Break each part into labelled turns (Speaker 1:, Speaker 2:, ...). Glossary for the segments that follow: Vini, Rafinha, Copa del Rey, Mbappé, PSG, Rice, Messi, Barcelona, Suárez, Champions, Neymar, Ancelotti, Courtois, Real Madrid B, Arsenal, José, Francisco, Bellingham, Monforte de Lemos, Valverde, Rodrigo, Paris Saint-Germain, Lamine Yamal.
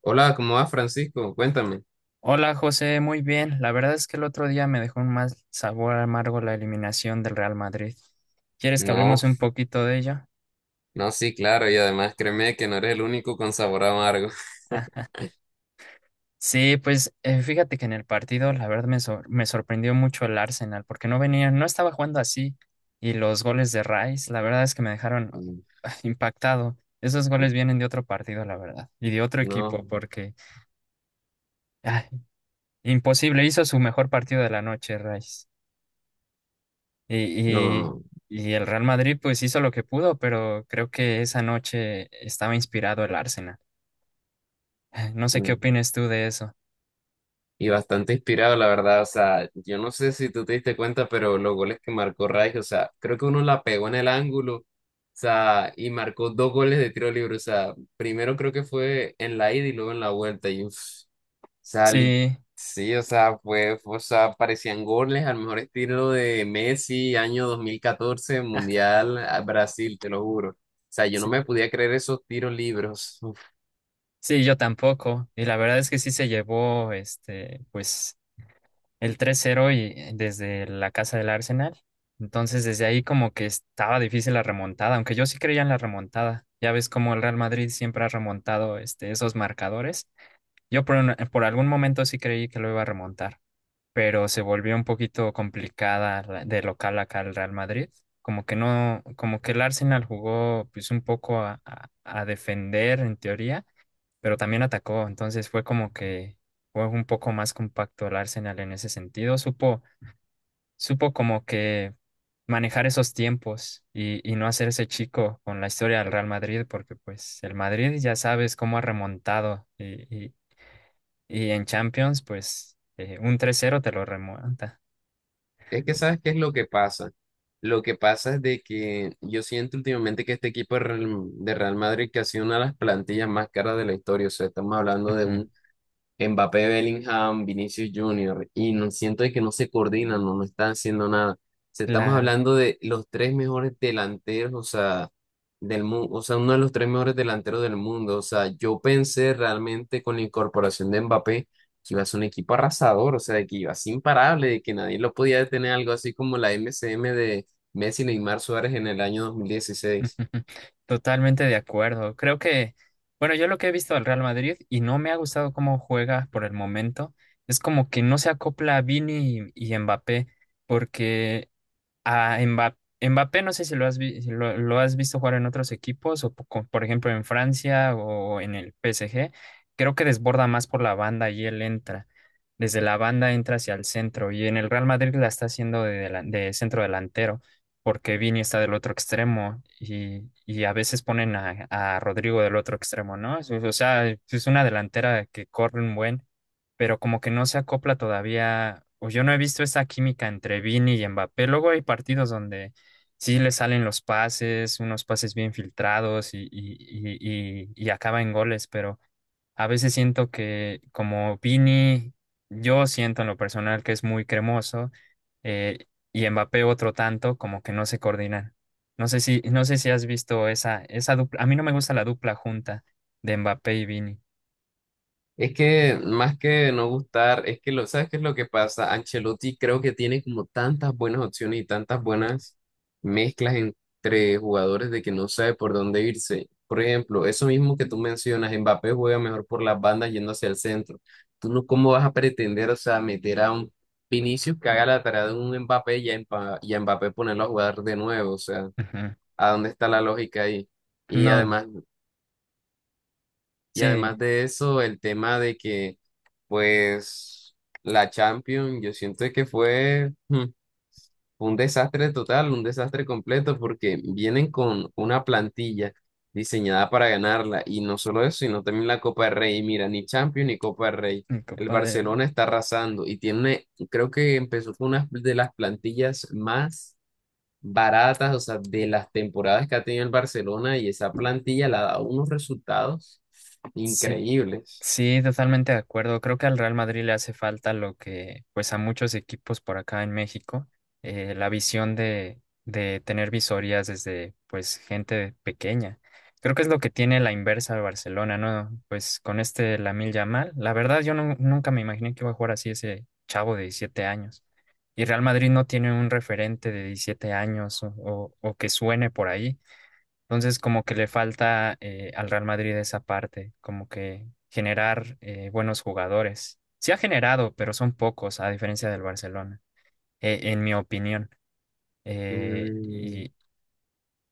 Speaker 1: Hola, ¿cómo vas, Francisco? Cuéntame.
Speaker 2: Hola José, muy bien. La verdad es que el otro día me dejó un mal sabor amargo la eliminación del Real Madrid. ¿Quieres que
Speaker 1: No,
Speaker 2: hablemos un poquito de ello?
Speaker 1: no, sí, claro, y además créeme que no eres el único con sabor amargo.
Speaker 2: Ah, sí, pues fíjate que en el partido la verdad me sorprendió mucho el Arsenal porque no venía, no estaba jugando así, y los goles de Rice la verdad es que me dejaron
Speaker 1: Mm.
Speaker 2: impactado. Esos
Speaker 1: y-
Speaker 2: goles vienen de otro partido, la verdad, y de otro
Speaker 1: No,
Speaker 2: equipo porque ah, imposible, hizo su mejor partido de la noche, Rice. Y, y,
Speaker 1: no,
Speaker 2: y el Real Madrid pues hizo lo que pudo, pero creo que esa noche estaba inspirado el Arsenal. No sé qué
Speaker 1: mm,
Speaker 2: opinas tú de eso.
Speaker 1: y bastante inspirado, la verdad. O sea, yo no sé si tú te diste cuenta, pero los goles que marcó Rice, o sea, creo que uno la pegó en el ángulo, o sea, y marcó dos goles de tiro libre. O sea, primero creo que fue en la ida y luego en la vuelta, y uff. sea, li-
Speaker 2: Sí,
Speaker 1: sí, o sea, fue, o sea, parecían goles al mejor estilo de Messi, año 2014 Mundial a Brasil, te lo juro. O sea, yo no
Speaker 2: sí,
Speaker 1: me podía creer esos tiros libres. Uf.
Speaker 2: sí, yo tampoco. Y la verdad es que sí se llevó este, pues, el tres cero y desde la casa del Arsenal. Entonces desde ahí como que estaba difícil la remontada, aunque yo sí creía en la remontada. Ya ves cómo el Real Madrid siempre ha remontado este, esos marcadores. Por algún momento sí creí que lo iba a remontar, pero se volvió un poquito complicada de local acá el Real Madrid. Como que no, Como que el Arsenal jugó pues un poco a defender en teoría, pero también atacó, entonces fue como que fue un poco más compacto el Arsenal en ese sentido. Supo como que manejar esos tiempos y no hacerse chico con la historia del Real Madrid, porque pues el Madrid ya sabes cómo ha remontado y en Champions pues un 3-0 te lo remonta.
Speaker 1: Es que, ¿sabes qué es lo que pasa? Lo que pasa es de que yo siento últimamente que este equipo de Real Madrid que ha sido una de las plantillas más caras de la historia. O sea, estamos hablando de
Speaker 2: Ujú.
Speaker 1: un Mbappé, Bellingham, Vinicius Junior, y no siento de que no se coordinan, no, no están haciendo nada. O sea, estamos
Speaker 2: Claro,
Speaker 1: hablando de los tres mejores delanteros, o sea, del mundo, o sea, uno de los tres mejores delanteros del mundo. O sea, yo pensé realmente con la incorporación de Mbappé que iba a ser un equipo arrasador, o sea, de que iba a ser imparable, de que nadie lo podía detener, algo así como la MCM de Messi, Neymar, Suárez en el año 2016.
Speaker 2: totalmente de acuerdo. Creo que, bueno, yo lo que he visto al Real Madrid y no me ha gustado cómo juega por el momento, es como que no se acopla a Vini y Mbappé, porque a Mbappé, Mbappé no sé si lo has, vi- si lo, lo has visto jugar en otros equipos, o por ejemplo en Francia o en el PSG. Creo que desborda más por la banda y él entra. Desde la banda entra hacia el centro. Y en el Real Madrid la está haciendo de centro delantero, porque Vini está del otro extremo. Y a veces ponen a Rodrigo del otro extremo, ¿no? O sea, es una delantera que corre un buen, pero como que no se acopla todavía, o yo no he visto esa química entre Vini y Mbappé. Luego hay partidos donde sí le salen los pases, unos pases bien filtrados y acaba en goles, pero a veces siento que como Vini, yo siento en lo personal que es muy cremoso, eh, y Mbappé otro tanto, como que no se coordinan. No sé si has visto esa dupla. A mí no me gusta la dupla junta de Mbappé y Vini.
Speaker 1: Es que más que no gustar, es que lo, ¿sabes qué es lo que pasa? Ancelotti creo que tiene como tantas buenas opciones y tantas buenas mezclas entre jugadores de que no sabe por dónde irse. Por ejemplo, eso mismo que tú mencionas, Mbappé juega mejor por las bandas yendo hacia el centro. Tú no, ¿cómo vas a pretender, o sea, meter a un Vinicius que haga la tarea de un Mbappé y a Mbappé ponerlo a jugar de nuevo? O sea,
Speaker 2: Ujú.
Speaker 1: ¿a dónde está la lógica ahí? Y
Speaker 2: No,
Speaker 1: además y
Speaker 2: sí,
Speaker 1: además
Speaker 2: dime.
Speaker 1: de eso, el tema de que, pues, la Champions, yo siento que fue un desastre total, un desastre completo, porque vienen con una plantilla diseñada para ganarla. Y no solo eso, sino también la Copa del Rey. Y mira, ni Champions ni Copa del Rey.
Speaker 2: En
Speaker 1: El
Speaker 2: Copa
Speaker 1: Barcelona
Speaker 2: del...
Speaker 1: está arrasando y tiene, creo que empezó con una de las plantillas más baratas, o sea, de las temporadas que ha tenido el Barcelona y esa plantilla le ha dado unos resultados
Speaker 2: Sí,
Speaker 1: increíbles.
Speaker 2: sí, totalmente de acuerdo. Creo que al Real Madrid le hace falta lo que, pues a muchos equipos por acá en México, la visión de tener visorías desde, pues, gente pequeña. Creo que es lo que tiene la inversa de Barcelona, ¿no? Pues con este Lamine Yamal, la verdad yo no- nunca me imaginé que iba a jugar así ese chavo de 17 años. Y Real Madrid no tiene un referente de 17 años o que suene por ahí. Entonces, como que le falta al Real Madrid esa parte, como que generar buenos jugadores. Sí ha generado, pero son pocos, a diferencia del Barcelona, en mi opinión. Eh,
Speaker 1: Mm.
Speaker 2: y,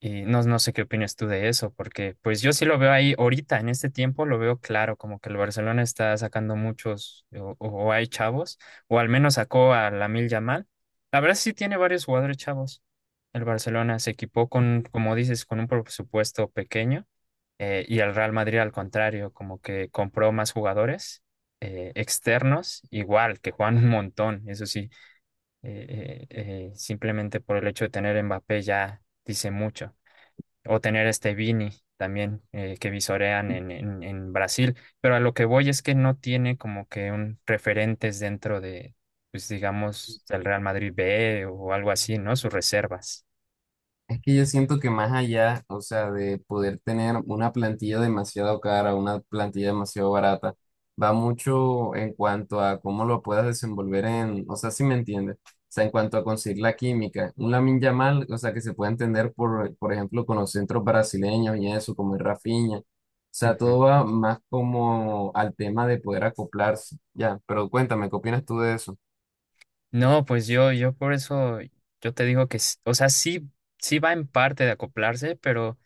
Speaker 2: y no, no sé qué opinas tú de eso, porque pues yo sí lo veo ahí ahorita, en este tiempo lo veo claro, como que el Barcelona está sacando muchos, o hay chavos, o al menos sacó a Lamil Yamal. La verdad sí tiene varios jugadores chavos. El Barcelona se equipó con, como dices, con un presupuesto pequeño, y el Real Madrid al contrario, como que compró más jugadores externos, igual, que juegan un montón, eso sí, simplemente por el hecho de tener Mbappé ya dice mucho, o tener este Vini también que visorean en Brasil, pero a lo que voy es que no tiene como que un referentes dentro de, pues digamos, del Real Madrid B o algo así, ¿no? Sus reservas.
Speaker 1: Es que yo siento que más allá, o sea, de poder tener una plantilla demasiado cara, una plantilla demasiado barata, va mucho en cuanto a cómo lo puedas desenvolver en, o sea, si me entiendes, o sea, en cuanto a conseguir la química. Un Lamine Yamal, o sea, que se puede entender por ejemplo, con los centros brasileños y eso, como el Rafinha. O sea,
Speaker 2: Ujú.
Speaker 1: todo va más como al tema de poder acoplarse. Ya, pero cuéntame, ¿qué opinas tú de eso?
Speaker 2: No, pues yo por eso, yo te digo que, o sea, sí, sí va en parte de acoplarse, pero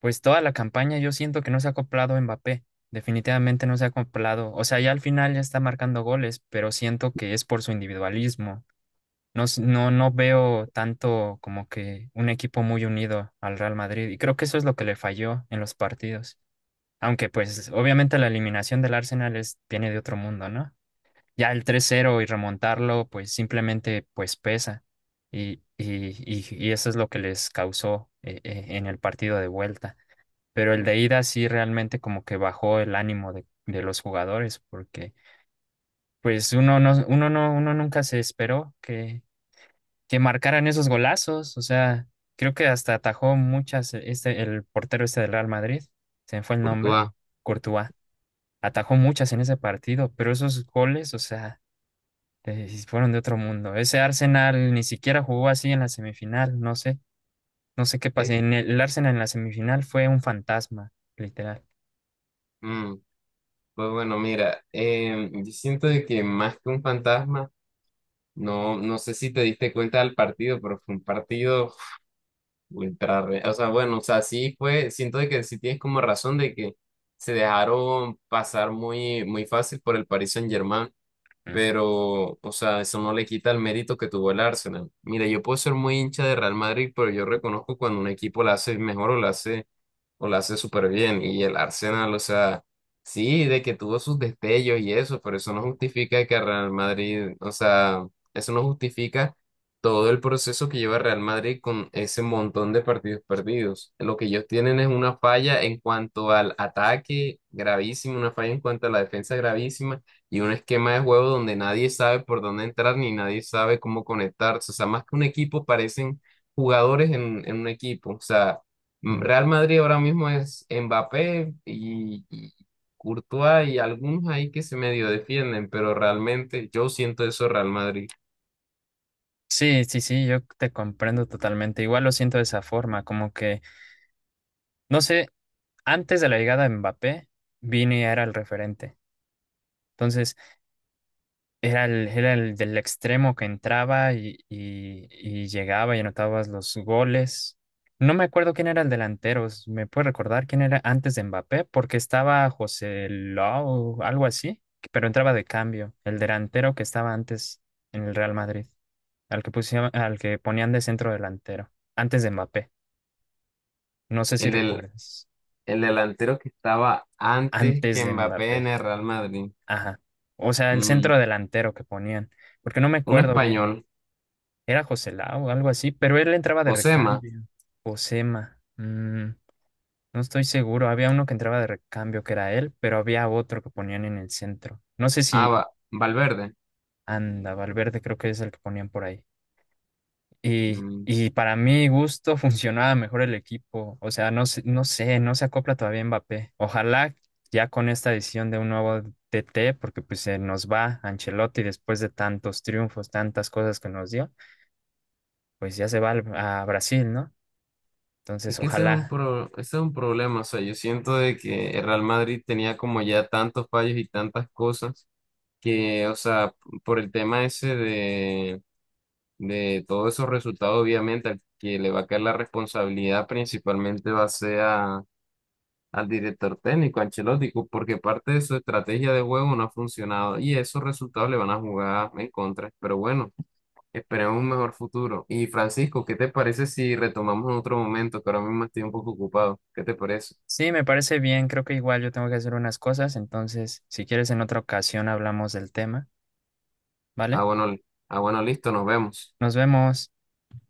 Speaker 2: pues toda la campaña yo siento que no se ha acoplado Mbappé. Definitivamente no se ha acoplado. O sea, ya al final ya está marcando goles, pero siento que es por su individualismo. No, no, no veo tanto como que un equipo muy unido al Real Madrid y creo que eso es lo que le falló en los partidos. Aunque pues obviamente la eliminación del Arsenal es, viene de otro mundo, ¿no? Ya el 3-0 y remontarlo pues simplemente pues pesa, y eso es lo que les causó en el partido de vuelta. Pero el de ida sí realmente como que bajó el ánimo de los jugadores porque... Pues uno nunca se esperó que marcaran esos golazos. O sea, creo que hasta atajó muchas, este, el portero este del Real Madrid, se me fue el
Speaker 1: Por tu.
Speaker 2: nombre, Courtois, atajó muchas en ese partido, pero esos goles, o sea, sí fueron de otro mundo. Ese Arsenal ni siquiera jugó así en la semifinal, no sé, no sé qué pasó. El Arsenal en la semifinal fue un fantasma, literal.
Speaker 1: Pues bueno, mira, yo siento de que más que un fantasma, no, no sé si te diste cuenta del partido, pero fue un partido ultra, o sea, bueno, o sea, sí fue, siento de que sí tienes como razón de que se dejaron pasar muy, muy fácil por el Paris Saint-Germain,
Speaker 2: Mm,
Speaker 1: pero, o sea, eso no le quita el mérito que tuvo el Arsenal. Mira, yo puedo ser muy hincha de Real Madrid, pero yo reconozco cuando un equipo la hace mejor o la hace súper bien. Y el Arsenal, o sea, sí, de que tuvo sus destellos y eso, pero eso no justifica que Real Madrid, o sea, eso no justifica todo el proceso que lleva Real Madrid con ese montón de partidos perdidos. Lo que ellos tienen es una falla en cuanto al ataque gravísima, una falla en cuanto a la defensa gravísima y un esquema de juego donde nadie sabe por dónde entrar ni nadie sabe cómo conectarse. O sea, más que un equipo, parecen jugadores en un equipo. O sea,
Speaker 2: mm.
Speaker 1: Real Madrid ahora mismo es Mbappé y Courtois y algunos ahí que se medio defienden, pero realmente yo siento eso Real Madrid.
Speaker 2: Sí, sí, sí, yo te comprendo totalmente. Igual lo siento de esa forma, como que, no sé, antes de la llegada de Mbappé, Vini era el referente. Entonces era era el del extremo que entraba y llegaba y anotabas los goles. No me acuerdo quién era el delantero. ¿Me puede recordar quién era antes de Mbappé? Porque estaba José Lau, algo así, pero entraba de cambio. El delantero que estaba antes en el Real Madrid, al que pusieron, al que ponían de centro delantero, antes de Mbappé. No sé si
Speaker 1: El del
Speaker 2: recuerdas.
Speaker 1: el delantero que estaba antes
Speaker 2: Antes
Speaker 1: que
Speaker 2: de
Speaker 1: Mbappé en
Speaker 2: Mbappé.
Speaker 1: el Real Madrid,
Speaker 2: Ajá. O sea, el
Speaker 1: mm,
Speaker 2: centro delantero que ponían. Porque no me
Speaker 1: un
Speaker 2: acuerdo bien.
Speaker 1: español,
Speaker 2: Era José Lau o algo así, pero él entraba de
Speaker 1: Josema,
Speaker 2: recambio. Josema. Mm, no estoy seguro. Había uno que entraba de recambio que era él, pero había otro que ponían en el centro. No sé si...
Speaker 1: Valverde.
Speaker 2: Anda, Valverde creo que es el que ponían por ahí.
Speaker 1: mm,
Speaker 2: Y para mi gusto funcionaba mejor el equipo. O sea, no, no sé, no se acopla todavía Mbappé. Ojalá ya con esta decisión de un nuevo TT, porque pues se nos va Ancelotti después de tantos triunfos, tantas cosas que nos dio, pues ya se va a Brasil, ¿no?
Speaker 1: es
Speaker 2: Entonces,
Speaker 1: que
Speaker 2: ojalá.
Speaker 1: ese es un problema, o sea, yo siento de que el Real Madrid tenía como ya tantos fallos y tantas cosas que, o sea, por el tema ese de todos esos resultados, obviamente, al que le va a caer la responsabilidad principalmente va a ser al director técnico, a Ancelotti, porque parte de su estrategia de juego no ha funcionado y esos resultados le van a jugar en contra. Pero bueno, esperemos un mejor futuro. Y Francisco, ¿qué te parece si retomamos en otro momento? Que ahora mismo estoy un poco ocupado. ¿Qué te parece?
Speaker 2: Sí, me parece bien. Creo que igual yo tengo que hacer unas cosas. Entonces, si quieres, en otra ocasión hablamos del tema,
Speaker 1: Ah,
Speaker 2: ¿vale?
Speaker 1: bueno, li- ah, bueno, listo, nos vemos.
Speaker 2: Nos vemos.